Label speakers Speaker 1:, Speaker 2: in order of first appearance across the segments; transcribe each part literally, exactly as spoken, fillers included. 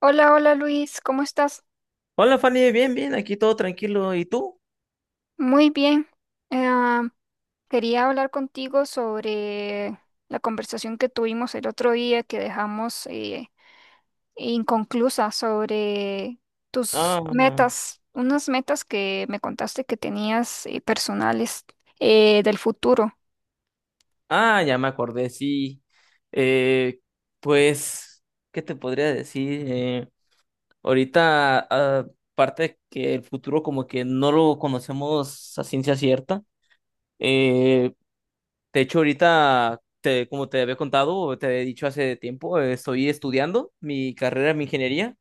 Speaker 1: Hola, hola Luis, ¿cómo estás?
Speaker 2: Hola Fanny, bien, bien, aquí todo tranquilo. ¿Y tú?
Speaker 1: Muy bien. Ah, Quería hablar contigo sobre la conversación que tuvimos el otro día que dejamos eh, inconclusa sobre tus
Speaker 2: Ah,
Speaker 1: metas, unas metas que me contaste que tenías eh, personales eh, del futuro.
Speaker 2: ah, ya me acordé, sí. Eh, pues, ¿qué te podría decir? Eh, ahorita, ah, aparte que el futuro como que no lo conocemos a ciencia cierta. Eh, de hecho, ahorita, te, como te había contado, o te había dicho hace tiempo, eh, estoy estudiando mi carrera en ingeniería.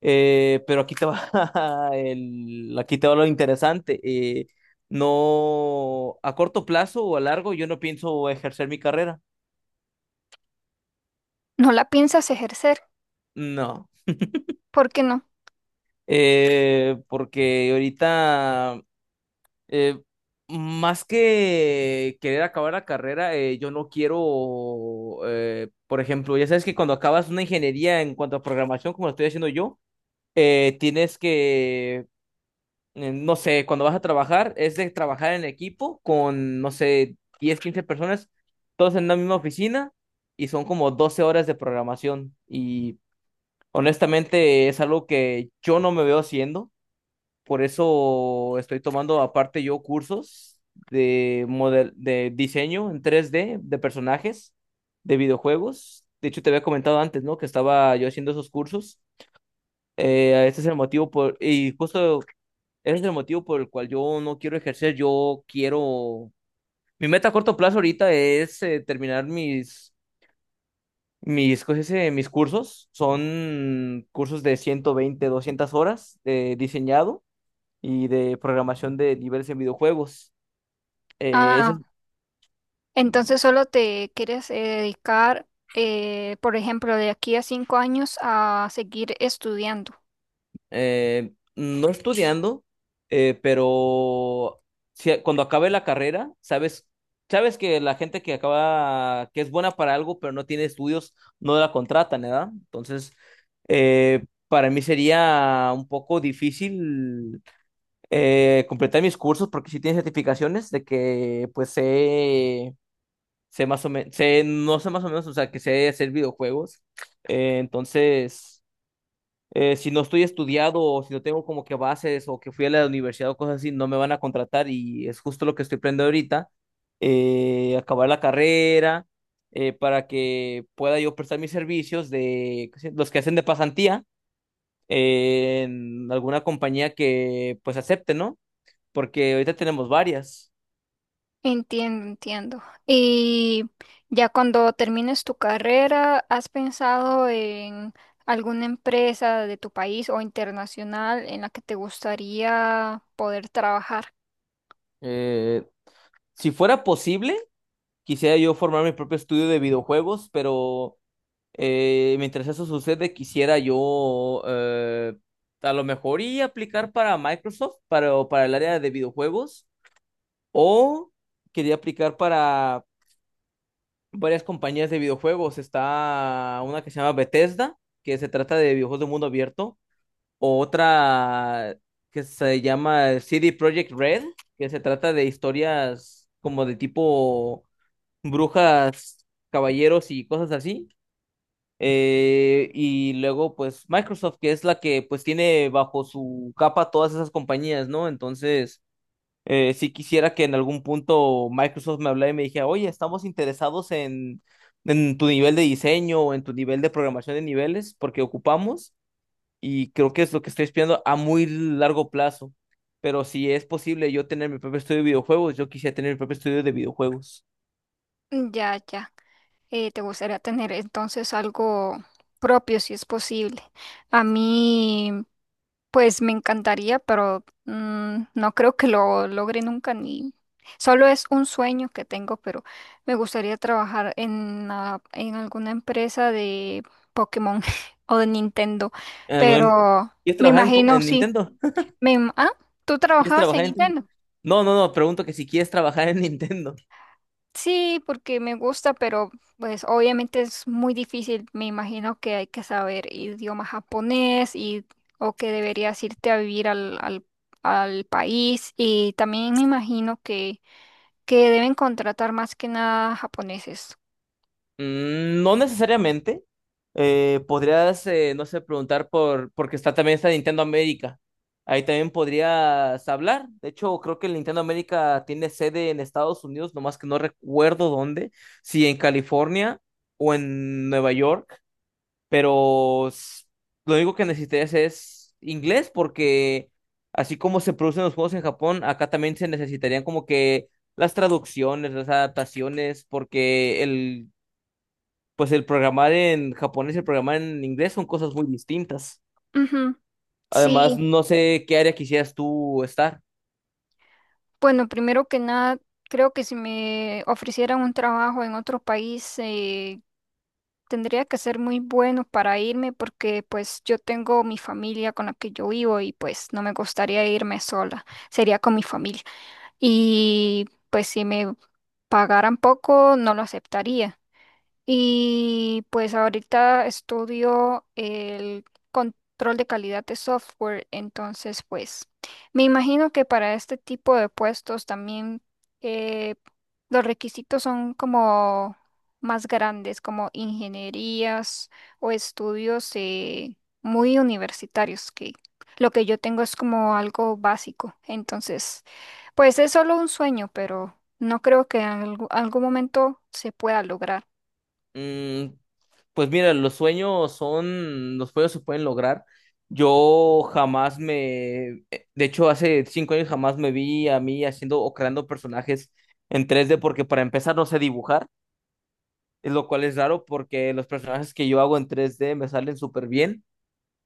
Speaker 2: Eh, pero aquí te va el, aquí te va lo interesante. Eh, no, a corto plazo o a largo, yo no pienso ejercer mi carrera.
Speaker 1: ¿No la piensas ejercer?
Speaker 2: No.
Speaker 1: ¿Por qué no?
Speaker 2: Eh, porque ahorita, eh, más que querer acabar la carrera, eh, yo no quiero, eh, por ejemplo, ya sabes que cuando acabas una ingeniería en cuanto a programación, como lo estoy haciendo yo, eh, tienes que eh, no sé, cuando vas a trabajar, es de trabajar en equipo con, no sé, diez quince personas, todos en la misma oficina y son como doce horas de programación. Y honestamente es algo que yo no me veo haciendo, por eso estoy tomando aparte yo cursos de, model de diseño en tres d de personajes de videojuegos. De hecho, te había comentado antes, ¿no? Que estaba yo haciendo esos cursos. Eh, este es el motivo por... Y justo ese es el motivo por el cual yo no quiero ejercer, yo quiero... Mi meta a corto plazo ahorita es eh, terminar mis, mis, ¿cómo se dice? Mis cursos. Son cursos de ciento veinte doscientas horas de diseñado y de programación de niveles en videojuegos. Eh,
Speaker 1: Ah,
Speaker 2: ese
Speaker 1: entonces solo te quieres eh, dedicar, eh, por ejemplo, de aquí a cinco años a seguir estudiando.
Speaker 2: eh, No estudiando, eh, pero si- cuando acabe la carrera, sabes, sabes que la gente que acaba, que es buena para algo, pero no tiene estudios, no la contratan, ¿verdad? Entonces, eh, para mí sería un poco difícil eh, completar mis cursos porque si tiene certificaciones de que pues sé, sé más o menos, sé, no sé más o menos, o sea, que sé hacer videojuegos. Eh, entonces eh, si no estoy estudiado o si no tengo como que bases o que fui a la universidad o cosas así, no me van a contratar y es justo lo que estoy aprendiendo ahorita, eh, acabar la carrera eh, para que pueda yo prestar mis servicios de los que hacen de pasantía eh, en alguna compañía que pues acepte, ¿no? Porque ahorita tenemos varias.
Speaker 1: Entiendo, entiendo. Y ya cuando termines tu carrera, ¿has pensado en alguna empresa de tu país o internacional en la que te gustaría poder trabajar?
Speaker 2: Eh, si fuera posible, quisiera yo formar mi propio estudio de videojuegos, pero... Eh, mientras eso sucede, quisiera yo eh, a lo mejor y aplicar para Microsoft, para, para el área de videojuegos, o quería aplicar para varias compañías de videojuegos. Está una que se llama Bethesda, que se trata de videojuegos de mundo abierto, o otra que se llama C D Projekt Red, que se trata de historias como de tipo brujas, caballeros y cosas así. Eh, y luego, pues, Microsoft, que es la que, pues, tiene bajo su capa todas esas compañías, ¿no? Entonces, eh, sí quisiera que en algún punto Microsoft me hablara y me dijera, oye, estamos interesados en, en tu nivel de diseño o en tu nivel de programación de niveles, porque ocupamos, y creo que es lo que estoy espiando a muy largo plazo. Pero si es posible yo tener mi propio estudio de videojuegos, yo quisiera tener mi propio estudio de videojuegos.
Speaker 1: Mm, ya, ya. Eh, te gustaría tener entonces algo propio si es posible. A mí pues me encantaría, pero mm, no creo que lo logre nunca ni solo es un sueño que tengo, pero me gustaría trabajar en, ah, en alguna empresa de Pokémon o de Nintendo,
Speaker 2: Eh, bueno,
Speaker 1: pero
Speaker 2: ¿quieres
Speaker 1: me
Speaker 2: trabajar en,
Speaker 1: imagino
Speaker 2: en
Speaker 1: sí.
Speaker 2: Nintendo?
Speaker 1: Me, im- ah, ¿Tú
Speaker 2: ¿Quieres
Speaker 1: trabajabas en
Speaker 2: trabajar en Nintendo?
Speaker 1: Nintendo?
Speaker 2: No, no, no, pregunto que si quieres trabajar en Nintendo.
Speaker 1: Sí, porque me gusta, pero pues obviamente es muy difícil. Me imagino que hay que saber idioma japonés y o que deberías irte a vivir al, al, al país. Y también me imagino que, que deben contratar más que nada japoneses.
Speaker 2: Mm, no necesariamente. Eh, podrías, eh, no sé, preguntar por, porque está también está Nintendo América. Ahí también podrías hablar. De hecho, creo que el Nintendo América tiene sede en Estados Unidos, nomás que no recuerdo dónde, si en California o en Nueva York. pero s- lo único que necesitas es inglés porque así como se producen los juegos en Japón, acá también se necesitarían como que las traducciones, las adaptaciones, porque el, pues el programar en japonés y el programar en inglés son cosas muy distintas.
Speaker 1: Ujú.
Speaker 2: Además,
Speaker 1: Sí,
Speaker 2: no sé qué área quisieras tú estar.
Speaker 1: bueno, primero que nada, creo que si me ofrecieran un trabajo en otro país, eh, tendría que ser muy bueno para irme porque pues yo tengo mi familia con la que yo vivo y pues no me gustaría irme sola, sería con mi familia. Y pues si me pagaran poco no lo aceptaría. Y pues ahorita estudio el control de calidad de software, entonces pues me imagino que para este tipo de puestos también eh, los requisitos son como más grandes, como ingenierías o estudios eh, muy universitarios, que lo que yo tengo es como algo básico, entonces pues es solo un sueño, pero no creo que en algu- algún momento se pueda lograr.
Speaker 2: Mm, pues mira, los sueños son, los sueños se pueden lograr. Yo jamás me, eh, De hecho, hace cinco años jamás me vi a mí haciendo o creando personajes en tres d porque para empezar no sé dibujar, es lo cual es raro porque los personajes que yo hago en tres d me salen súper bien.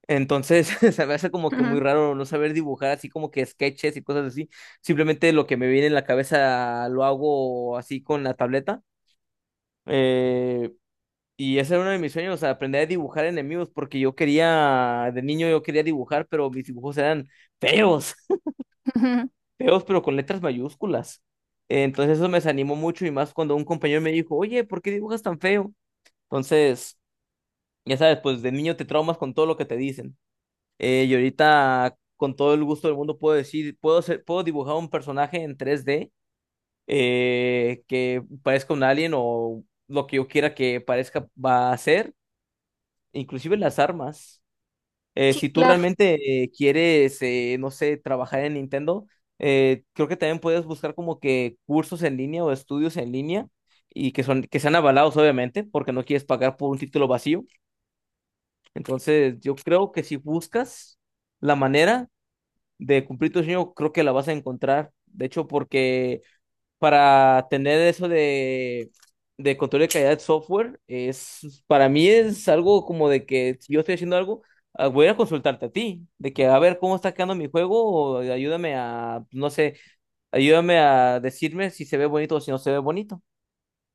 Speaker 2: Entonces, se me hace como que muy raro no saber dibujar así como que sketches y cosas así. Simplemente lo que me viene en la cabeza lo hago así con la tableta. Eh, y ese era uno de mis sueños, o sea, aprender a dibujar enemigos, porque yo quería, de niño yo quería dibujar, pero mis dibujos eran feos,
Speaker 1: Ujú.
Speaker 2: feos, pero con letras mayúsculas. Entonces eso me desanimó mucho y más cuando un compañero me dijo, oye, ¿por qué dibujas tan feo? Entonces, ya sabes, pues de niño te traumas con todo lo que te dicen. Eh, y ahorita con todo el gusto del mundo puedo decir, puedo ser, puedo dibujar un personaje en tres D eh, que parezca un alien o lo que yo quiera que parezca va a ser, inclusive las armas. Eh,
Speaker 1: Sí,
Speaker 2: si tú
Speaker 1: claro.
Speaker 2: realmente eh, quieres, eh, no sé, trabajar en Nintendo, eh, creo que también puedes buscar como que cursos en línea o estudios en línea y que son, que sean avalados, obviamente, porque no quieres pagar por un título vacío. Entonces, yo creo que si buscas la manera de cumplir tu sueño, creo que la vas a encontrar. De hecho, porque para tener eso de, de control de calidad de software, es, para mí es algo como de que si yo estoy haciendo algo, ah, voy a consultarte a ti, de que a ver cómo está quedando mi juego, o ayúdame a, no sé, ayúdame a decirme si se ve bonito o si no se ve bonito.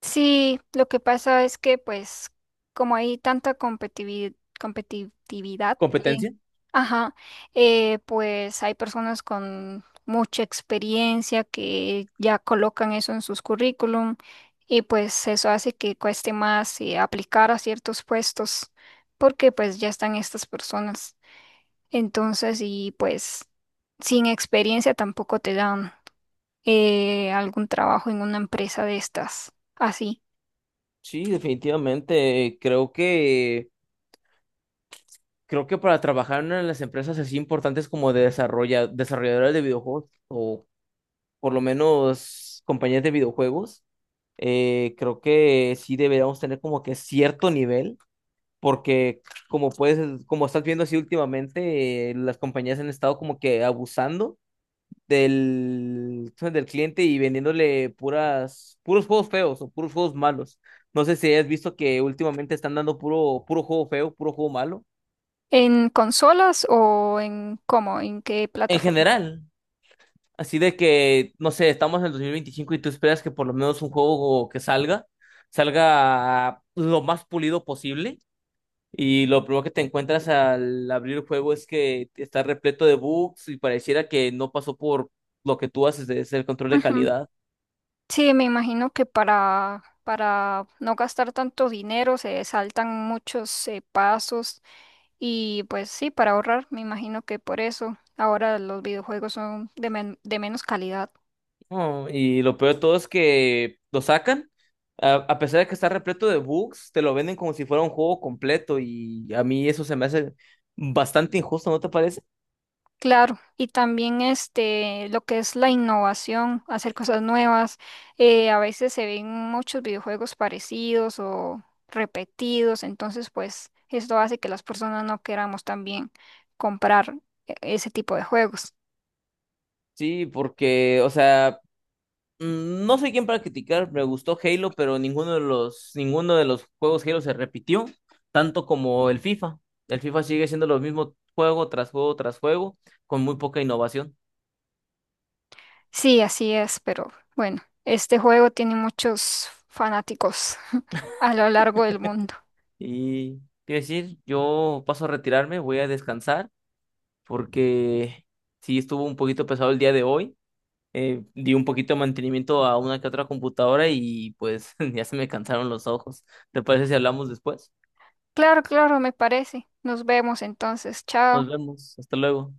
Speaker 1: Sí, lo que pasa es que pues como hay tanta competivi- competitividad, en-
Speaker 2: ¿Competencia?
Speaker 1: ajá, eh, pues hay personas con mucha experiencia que ya colocan eso en sus currículum y pues eso hace que cueste más eh, aplicar a ciertos puestos porque pues ya están estas personas. Entonces, y pues sin experiencia tampoco te dan eh, algún trabajo en una empresa de estas, así.
Speaker 2: Sí, definitivamente, creo que... Creo que para trabajar en una de las empresas así importantes como de desarrolla, desarrolladores de videojuegos, o por lo menos compañías de videojuegos, eh, creo que sí deberíamos tener como que cierto nivel, porque como puedes, como estás viendo así últimamente, eh, las compañías han estado como que abusando del, del cliente y vendiéndole puras, puros juegos feos o puros juegos malos. No sé si has visto que últimamente están dando puro, puro juego feo, puro juego malo.
Speaker 1: ¿En consolas o en cómo? ¿En qué
Speaker 2: En
Speaker 1: plataforma?
Speaker 2: general. Así de que, no sé, estamos en el dos mil veinticinco y tú esperas que por lo menos un juego que salga, salga lo más pulido posible. Y lo primero que te encuentras al abrir el juego es que está repleto de bugs y pareciera que no pasó por lo que tú haces de ser el control de
Speaker 1: Ujú.
Speaker 2: calidad.
Speaker 1: Sí, me imagino que para, para no gastar tanto dinero se saltan muchos eh, pasos y pues sí, para ahorrar, me imagino que por eso ahora los videojuegos son de, men- de menos calidad.
Speaker 2: No, y lo peor de todo es que lo sacan, a, a pesar de que está repleto de bugs, te lo venden como si fuera un juego completo y a mí eso se me hace bastante injusto, ¿no te parece?
Speaker 1: Claro, y también este, lo que es la innovación, hacer cosas nuevas. eh, a veces se ven muchos videojuegos parecidos o repetidos, entonces pues esto hace que las personas no queramos también comprar e- ese tipo de juegos.
Speaker 2: Sí, porque, o sea, Mm, no sé quién para criticar, me gustó Halo, pero ninguno de los, ninguno de los juegos Halo se repitió, tanto como el FIFA. El FIFA sigue siendo lo mismo juego tras juego tras juego, con muy poca innovación.
Speaker 1: Sí, así es, pero bueno, este juego tiene muchos fanáticos a lo largo del mundo.
Speaker 2: Y quiero decir, yo paso a retirarme, voy a descansar, porque sí estuvo un poquito pesado el día de hoy. Eh, di un poquito de mantenimiento a una que otra computadora y pues ya se me cansaron los ojos. ¿Te parece si hablamos después?
Speaker 1: Claro, claro, me parece. Nos vemos entonces.
Speaker 2: Nos
Speaker 1: Chao.
Speaker 2: vemos, hasta luego.